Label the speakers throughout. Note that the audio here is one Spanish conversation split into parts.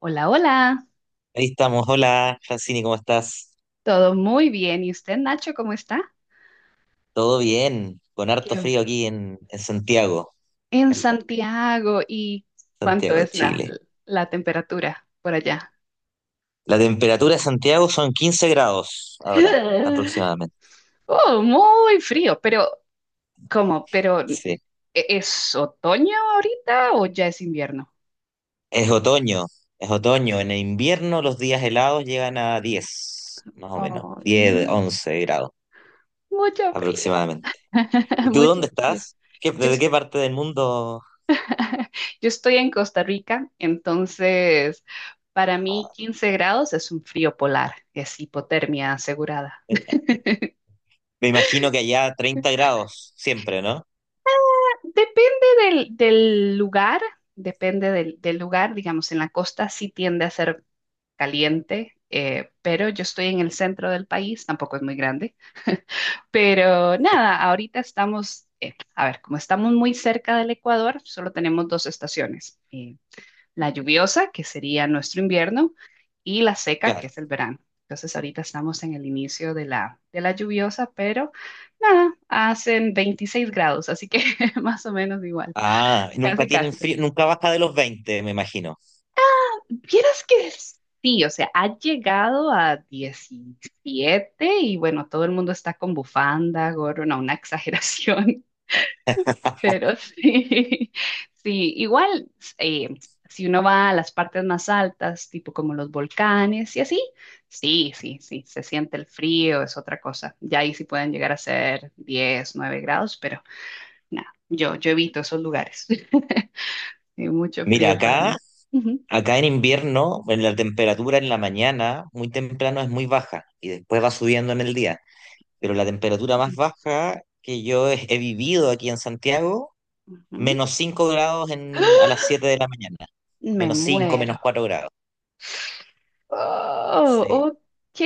Speaker 1: Hola, hola,
Speaker 2: Ahí estamos. Hola, Francini, ¿cómo estás?
Speaker 1: todo muy bien. ¿Y usted, Nacho, cómo está?
Speaker 2: ¿Todo bien? Con harto
Speaker 1: ¿Qué-
Speaker 2: frío aquí en Santiago,
Speaker 1: En Santiago, ¿y cuánto
Speaker 2: Santiago de
Speaker 1: es la,
Speaker 2: Chile.
Speaker 1: la temperatura por allá?
Speaker 2: La temperatura de Santiago son 15 grados ahora, aproximadamente.
Speaker 1: Oh, muy frío, pero ¿cómo? ¿Pero
Speaker 2: Sí.
Speaker 1: es otoño ahorita o ya es invierno?
Speaker 2: Es otoño, es otoño. En el invierno los días helados llegan a 10, más o menos,
Speaker 1: Oh,
Speaker 2: 10,
Speaker 1: no,
Speaker 2: 11 grados
Speaker 1: mucho frío,
Speaker 2: aproximadamente. ¿Y tú
Speaker 1: mucho
Speaker 2: dónde
Speaker 1: frío.
Speaker 2: estás?
Speaker 1: Yo,
Speaker 2: ¿Desde
Speaker 1: es-
Speaker 2: qué parte del mundo?
Speaker 1: yo estoy en Costa Rica, entonces para mí 15 grados es un frío polar, es hipotermia asegurada.
Speaker 2: Me imagino que allá 30 grados siempre, ¿no?
Speaker 1: Depende del lugar, depende del lugar, digamos, en la costa sí tiende a ser caliente, pero yo estoy en el centro del país, tampoco es muy grande, pero nada, ahorita estamos, a ver, como estamos muy cerca del Ecuador, solo tenemos dos estaciones, la lluviosa, que sería nuestro invierno, y la seca, que
Speaker 2: Claro.
Speaker 1: es el verano. Entonces ahorita estamos en el inicio de la lluviosa, pero nada, hacen 26 grados, así que más o menos igual.
Speaker 2: Ah, nunca
Speaker 1: Casi,
Speaker 2: tienen
Speaker 1: casi.
Speaker 2: frío, nunca baja de los 20, me imagino.
Speaker 1: Vieras que sí, o sea, ha llegado a 17 y bueno, todo el mundo está con bufanda, gorro, no, una exageración, pero sí, sí, igual, eh, si uno va a las partes más altas, tipo como los volcanes y así, sí, sí, sí, se siente el frío, es otra cosa. Ya ahí sí pueden llegar a ser 10 9 grados, pero nada, yo evito esos lugares. Hay mucho
Speaker 2: Mira,
Speaker 1: frío para
Speaker 2: acá,
Speaker 1: mí. Ujú.
Speaker 2: acá en invierno, en la temperatura en la mañana, muy temprano es muy baja y después va subiendo en el día. Pero la temperatura más baja que yo he vivido aquí en Santiago,
Speaker 1: Ujú.
Speaker 2: menos 5 grados a las 7 de la mañana.
Speaker 1: Me
Speaker 2: Menos 5, menos
Speaker 1: muero.
Speaker 2: 4 grados.
Speaker 1: Oh,
Speaker 2: Sí.
Speaker 1: ok.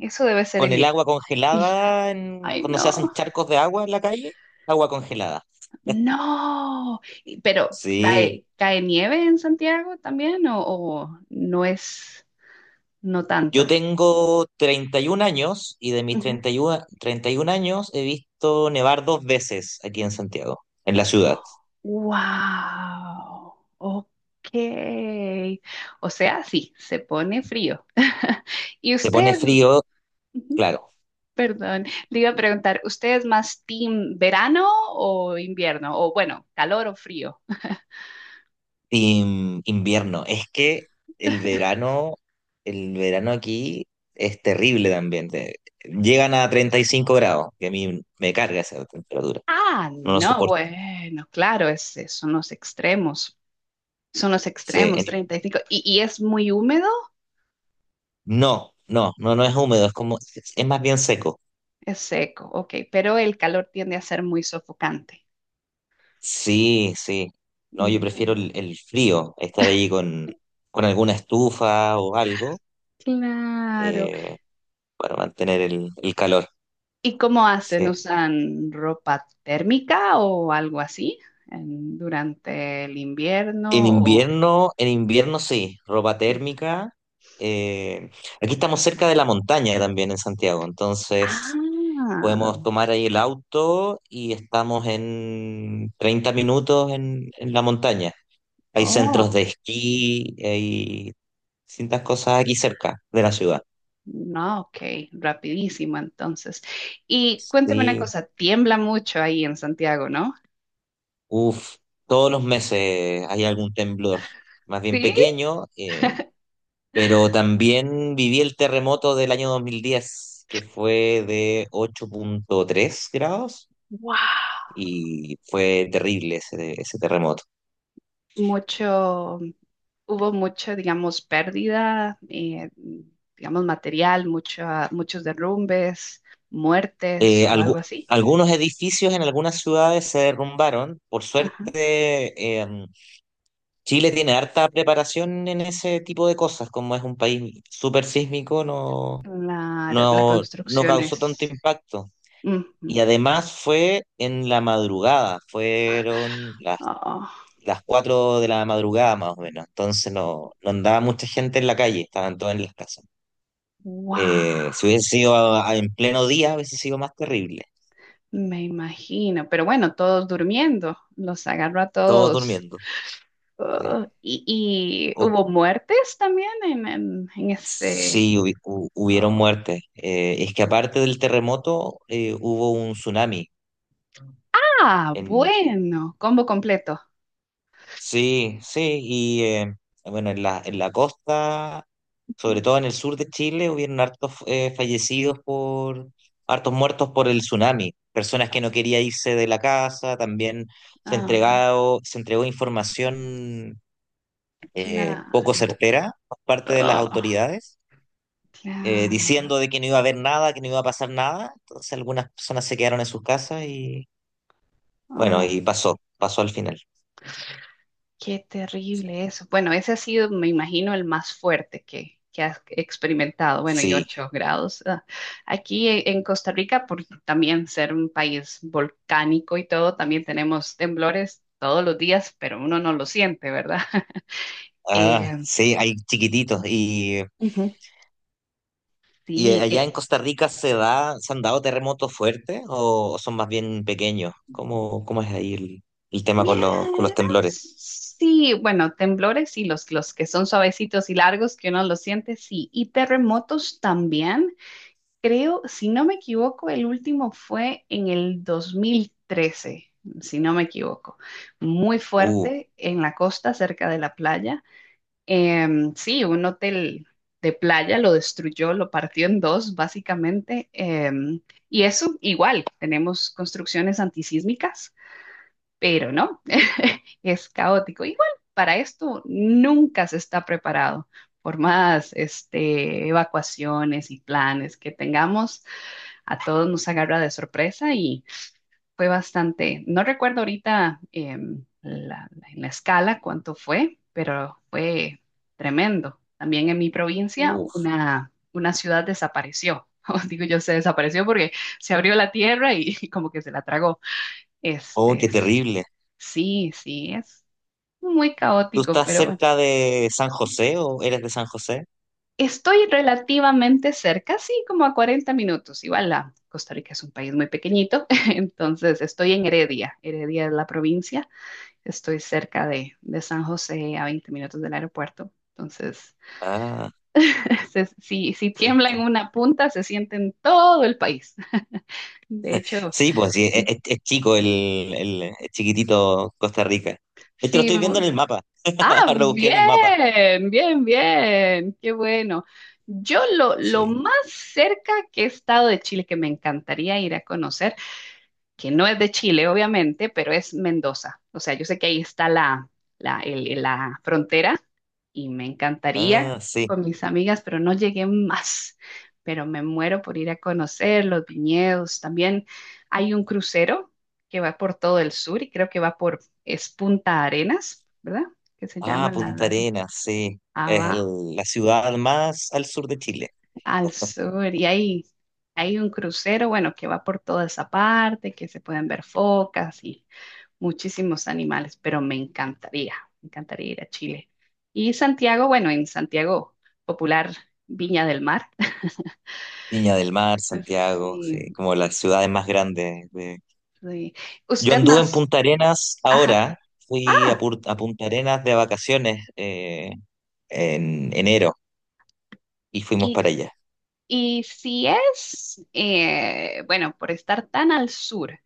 Speaker 1: Eso debe ser
Speaker 2: Con
Speaker 1: el...
Speaker 2: el agua
Speaker 1: i-
Speaker 2: congelada,
Speaker 1: Ay,
Speaker 2: cuando se hacen
Speaker 1: no.
Speaker 2: charcos de agua en la calle, agua congelada.
Speaker 1: No. Pero,
Speaker 2: Sí.
Speaker 1: ¿cae nieve en Santiago también o no es, no
Speaker 2: Yo
Speaker 1: tanto?
Speaker 2: tengo 31 años y de mis
Speaker 1: Ujú.
Speaker 2: treinta treinta y uno treinta y 31 años he visto nevar dos veces aquí en Santiago, en la ciudad.
Speaker 1: Wow. Ok. O sea, sí, se pone frío. ¿Y
Speaker 2: Se pone
Speaker 1: ustedes?
Speaker 2: frío,
Speaker 1: Ujú.
Speaker 2: claro.
Speaker 1: Perdón, le iba a preguntar, ¿usted es más team verano o invierno? O bueno, calor o frío.
Speaker 2: Invierno. Es que el verano, el verano aquí es terrible también. Llegan a 35 grados, que a mí me carga esa temperatura.
Speaker 1: Ah,
Speaker 2: No lo
Speaker 1: no,
Speaker 2: soporto.
Speaker 1: bueno, claro, son los extremos. Son los
Speaker 2: Se-
Speaker 1: extremos,
Speaker 2: en-
Speaker 1: 35. ¿Y, cinco. Y es muy húmedo?
Speaker 2: no, no, no, no es húmedo, es como, es más bien seco.
Speaker 1: Es seco, ok, pero el calor tiende a ser muy sofocante.
Speaker 2: Sí, sí. No, yo prefiero
Speaker 1: Ujú,
Speaker 2: el frío, estar ahí con alguna estufa o algo
Speaker 1: claro.
Speaker 2: eh, para mantener el calor.
Speaker 1: ¿Y cómo hacen?
Speaker 2: Sí.
Speaker 1: ¿Usan ropa térmica o algo así durante el
Speaker 2: En
Speaker 1: invierno? O...
Speaker 2: invierno, en invierno sí, ropa térmica. eh, Aquí estamos cerca de la montaña también en Santiago, entonces
Speaker 1: Ah,
Speaker 2: podemos tomar ahí el auto y estamos en 30 minutos en la montaña. Hay centros
Speaker 1: oh.
Speaker 2: de esquí, hay distintas cosas aquí cerca de la ciudad.
Speaker 1: No, ok, rapidísimo entonces. Y cuéntame una
Speaker 2: Sí.
Speaker 1: cosa, tiembla mucho ahí en Santiago, ¿no?
Speaker 2: Uf, todos los meses hay algún temblor, más bien
Speaker 1: Sí.
Speaker 2: pequeño, pero también viví el terremoto del año dos mil diez, que fue de ocho punto tres grados,
Speaker 1: Wow.
Speaker 2: y fue terrible ese terremoto.
Speaker 1: Mucho, hubo mucha, digamos, pérdida, digamos, material, muchos derrumbes, muertes
Speaker 2: Eh,
Speaker 1: o
Speaker 2: algu-
Speaker 1: algo así.
Speaker 2: Algunos edificios en algunas ciudades se derrumbaron. Por
Speaker 1: Ajá.
Speaker 2: suerte, Chile tiene harta preparación en ese tipo de cosas. Como es un país súper sísmico, no,
Speaker 1: Claro, la
Speaker 2: no, no
Speaker 1: construcción
Speaker 2: causó tanto
Speaker 1: es...
Speaker 2: impacto. Y
Speaker 1: ujú.
Speaker 2: además fue en la madrugada, fueron
Speaker 1: Oh,
Speaker 2: las 4 de la madrugada más o menos, entonces no, no andaba mucha gente en la calle, estaban todos en las casas.
Speaker 1: wow.
Speaker 2: Si hubiese sido en pleno día, hubiese sido más terrible,
Speaker 1: Me imagino, pero bueno, todos durmiendo, los agarró a
Speaker 2: todos
Speaker 1: todos.
Speaker 2: durmiendo. Sí.
Speaker 1: Oh, y
Speaker 2: O-
Speaker 1: hubo muertes también en, en ese...
Speaker 2: sí, hubieron
Speaker 1: Oh.
Speaker 2: muertes. Es que aparte del terremoto, hubo un tsunami.
Speaker 1: Ah,
Speaker 2: En,
Speaker 1: bueno, combo completo.
Speaker 2: sí, sí. Bueno, en la costa, sobre todo en el sur de Chile, hubieron hartos, fallecidos por, hartos muertos por el tsunami. Personas que no querían irse de la casa, también
Speaker 1: Ah,
Speaker 2: se entregó información poco
Speaker 1: claro.
Speaker 2: certera por parte de las
Speaker 1: Ah,
Speaker 2: autoridades, diciendo
Speaker 1: claro.
Speaker 2: de que no iba a haber nada, que no iba a pasar nada, entonces algunas personas se quedaron en sus casas y bueno,
Speaker 1: Oh,
Speaker 2: y pasó, pasó al final.
Speaker 1: qué
Speaker 2: Sí.
Speaker 1: terrible eso. Bueno, ese ha sido, me imagino, el más fuerte que has experimentado. Bueno, y
Speaker 2: Sí.
Speaker 1: 8 grados. Ah. Aquí en Costa Rica, por también ser un país volcánico y todo, también tenemos temblores todos los días, pero uno no lo siente, ¿verdad?
Speaker 2: Ah,
Speaker 1: Eh,
Speaker 2: sí, hay chiquititos. Y
Speaker 1: ujú,
Speaker 2: ¿y
Speaker 1: sí.
Speaker 2: allá en Costa Rica se da, se han dado terremotos fuertes o son más bien pequeños? ¿Cómo, cómo es ahí el tema
Speaker 1: Vieras,
Speaker 2: con los temblores?
Speaker 1: sí, bueno, temblores y los que son suavecitos y largos que uno los siente, sí. Y terremotos también. Creo, si no me equivoco, el último fue en el 2013, si no me equivoco. Muy
Speaker 2: Uh,
Speaker 1: fuerte en la costa, cerca de la playa. Sí, un hotel de playa lo destruyó, lo partió en dos, básicamente. Y eso, igual, tenemos construcciones antisísmicas, pero no, es caótico. Igual, para esto nunca se está preparado. Por más este, evacuaciones y planes que tengamos a todos nos agarra de sorpresa y fue bastante, no recuerdo ahorita en la escala cuánto fue, pero fue tremendo. También en mi provincia
Speaker 2: uh,
Speaker 1: una ciudad desapareció. O digo yo, se desapareció porque se abrió la tierra y, como que se la tragó.
Speaker 2: oh,
Speaker 1: Este,
Speaker 2: qué terrible.
Speaker 1: sí, sí, es muy
Speaker 2: ¿Tú
Speaker 1: caótico,
Speaker 2: estás
Speaker 1: pero bueno.
Speaker 2: cerca de San José o eres de San José?
Speaker 1: Estoy relativamente cerca, sí, como a 40 minutos. Igual la Costa Rica es un país muy pequeñito, entonces estoy en Heredia. Heredia es la provincia. Estoy cerca de San José, a 20 minutos del aeropuerto. Entonces,
Speaker 2: Ah,
Speaker 1: si tiembla en
Speaker 2: perfecto.
Speaker 1: una punta, se siente en todo el país. De hecho,
Speaker 2: Sí, pues sí, es,
Speaker 1: sí,
Speaker 2: es chico es chiquitito Costa Rica. Esto lo
Speaker 1: sí.
Speaker 2: estoy viendo en el mapa. Ahora
Speaker 1: Ah,
Speaker 2: lo busqué en el mapa.
Speaker 1: bien, bien, bien. Qué bueno. Yo lo
Speaker 2: Sí.
Speaker 1: más cerca que he estado de Chile, que me encantaría ir a conocer, que no es de Chile, obviamente, pero es Mendoza. O sea, yo sé que ahí está la frontera y me encantaría
Speaker 2: Ah, sí.
Speaker 1: con mis amigas, pero no llegué más. Pero me muero por ir a conocer los viñedos. También hay un crucero que va por todo el sur y creo que va por, es Punta Arenas, ¿verdad? Que se
Speaker 2: Ah,
Speaker 1: llama...
Speaker 2: Punta Arenas, sí.
Speaker 1: Ah, va
Speaker 2: La ciudad más al sur de Chile.
Speaker 1: al sur y ahí hay un crucero, bueno, que va por toda esa parte, que se pueden ver focas y muchísimos animales, pero me encantaría ir a Chile. Y Santiago, bueno, en Santiago, popular Viña del Mar.
Speaker 2: Viña del Mar, Santiago, sí,
Speaker 1: Sí,
Speaker 2: como las ciudades más grandes.
Speaker 1: sí.
Speaker 2: Yo
Speaker 1: Usted
Speaker 2: anduve en
Speaker 1: nas...
Speaker 2: Punta Arenas
Speaker 1: Ajá,
Speaker 2: ahora, fui a,
Speaker 1: ah,
Speaker 2: a Punta Arenas de vacaciones, en enero, y fuimos para
Speaker 1: y,
Speaker 2: allá.
Speaker 1: y si es, bueno, por estar tan al sur,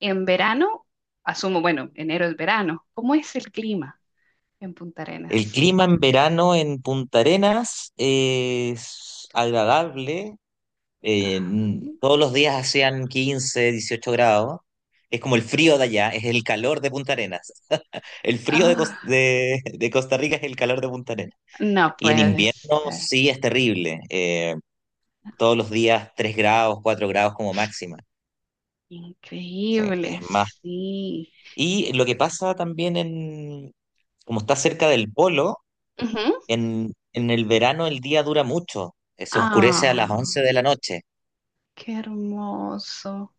Speaker 1: en verano, asumo, bueno, enero es verano, ¿cómo es el clima en Punta
Speaker 2: El
Speaker 1: Arenas?
Speaker 2: clima en verano en Punta Arenas es agradable.
Speaker 1: Ajá.
Speaker 2: Todos los días hacían 15, 18 grados. Es como el frío de allá, es el calor de Punta Arenas. El frío de,
Speaker 1: Ah,
Speaker 2: de Costa Rica es el calor de Punta Arenas.
Speaker 1: no
Speaker 2: Y en
Speaker 1: puede
Speaker 2: invierno
Speaker 1: ser.
Speaker 2: sí es terrible. Todos los días 3 grados, 4 grados como máxima. Sí,
Speaker 1: Increíble,
Speaker 2: es más.
Speaker 1: sí.
Speaker 2: Y lo que pasa también como está cerca del polo,
Speaker 1: Ujú.
Speaker 2: en el verano el día dura mucho. Se oscurece a las
Speaker 1: Ah,
Speaker 2: 11 de la noche
Speaker 1: qué hermoso,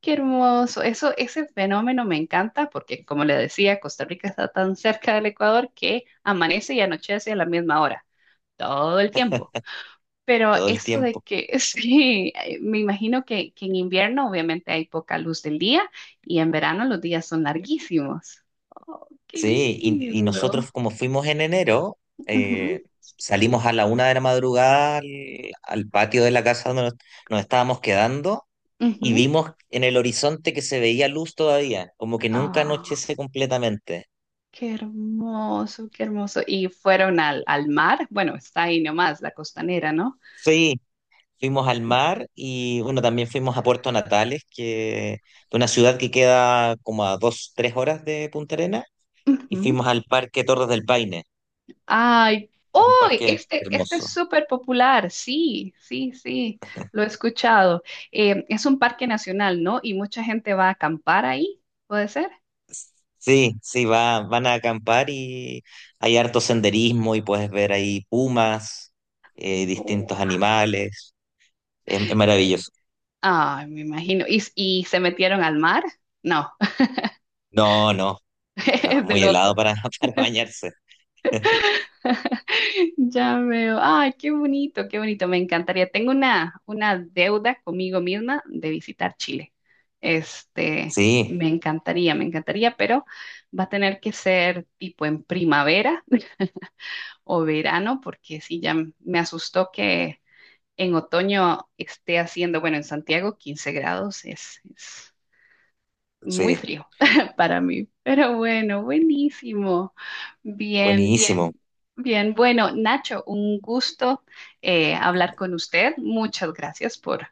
Speaker 1: qué hermoso. Eso, ese fenómeno me encanta porque, como le decía, Costa Rica está tan cerca del Ecuador que amanece y anochece a la misma hora, todo el tiempo. Pero
Speaker 2: todo el
Speaker 1: eso de
Speaker 2: tiempo.
Speaker 1: que, sí, me imagino que, en invierno obviamente hay poca luz del día y en verano los días son larguísimos. Oh, qué
Speaker 2: Sí, y
Speaker 1: lindo.
Speaker 2: nosotros como fuimos en enero, eh,
Speaker 1: Ujú,
Speaker 2: salimos a la una de la madrugada al patio de la casa donde nos estábamos quedando, y
Speaker 1: ujú.
Speaker 2: vimos en el horizonte que se veía luz todavía, como que nunca
Speaker 1: Ah.
Speaker 2: anochece completamente.
Speaker 1: Qué hermoso, qué hermoso. Y fueron al mar. Bueno, está ahí nomás, la costanera, ¿no?
Speaker 2: Sí, fuimos al mar y bueno, también fuimos a Puerto Natales, que es una ciudad que queda como a dos, tres horas de Punta Arenas, y
Speaker 1: Ujú.
Speaker 2: fuimos al Parque Torres del Paine,
Speaker 1: Ay,
Speaker 2: que es un
Speaker 1: oh,
Speaker 2: parque
Speaker 1: este es
Speaker 2: hermoso.
Speaker 1: súper popular. Sí, sí, sí, lo he escuchado. Es un parque nacional, ¿no? Y mucha gente va a acampar ahí, ¿puede ser?
Speaker 2: Sí, sí, va, van a acampar, y hay harto senderismo y puedes ver ahí pumas,
Speaker 1: Oh,
Speaker 2: distintos animales. Es maravilloso.
Speaker 1: ay, me imagino. ¿Y se metieron al mar? No,
Speaker 2: No, no, no, es
Speaker 1: es de
Speaker 2: muy
Speaker 1: loco.
Speaker 2: helado para, para bañarse.
Speaker 1: Ya veo. Ay, qué bonito, qué bonito. Me encantaría. Tengo una deuda conmigo misma de visitar Chile. Este,
Speaker 2: Sí,
Speaker 1: me encantaría, pero va a tener que ser tipo en primavera o verano, porque sí, ya me asustó que en otoño esté haciendo, bueno, en Santiago 15 grados es muy
Speaker 2: sí,
Speaker 1: frío para mí, pero bueno, buenísimo. Bien, bien,
Speaker 2: buenísimo.
Speaker 1: bien. Bueno, Nacho, un gusto hablar con usted. Muchas gracias por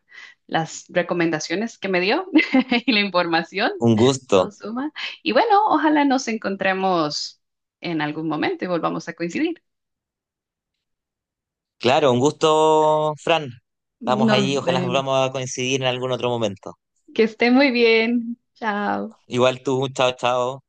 Speaker 1: las recomendaciones que me dio y la información.
Speaker 2: Un gusto.
Speaker 1: Todo suma. Y bueno, ojalá nos encontremos en algún momento y volvamos a coincidir.
Speaker 2: Claro, un gusto, Fran. Vamos ahí,
Speaker 1: Nos
Speaker 2: ojalá
Speaker 1: vemos.
Speaker 2: volvamos a coincidir en algún otro momento.
Speaker 1: Que esté muy bien. Chao.
Speaker 2: Igual tú, chao, chao.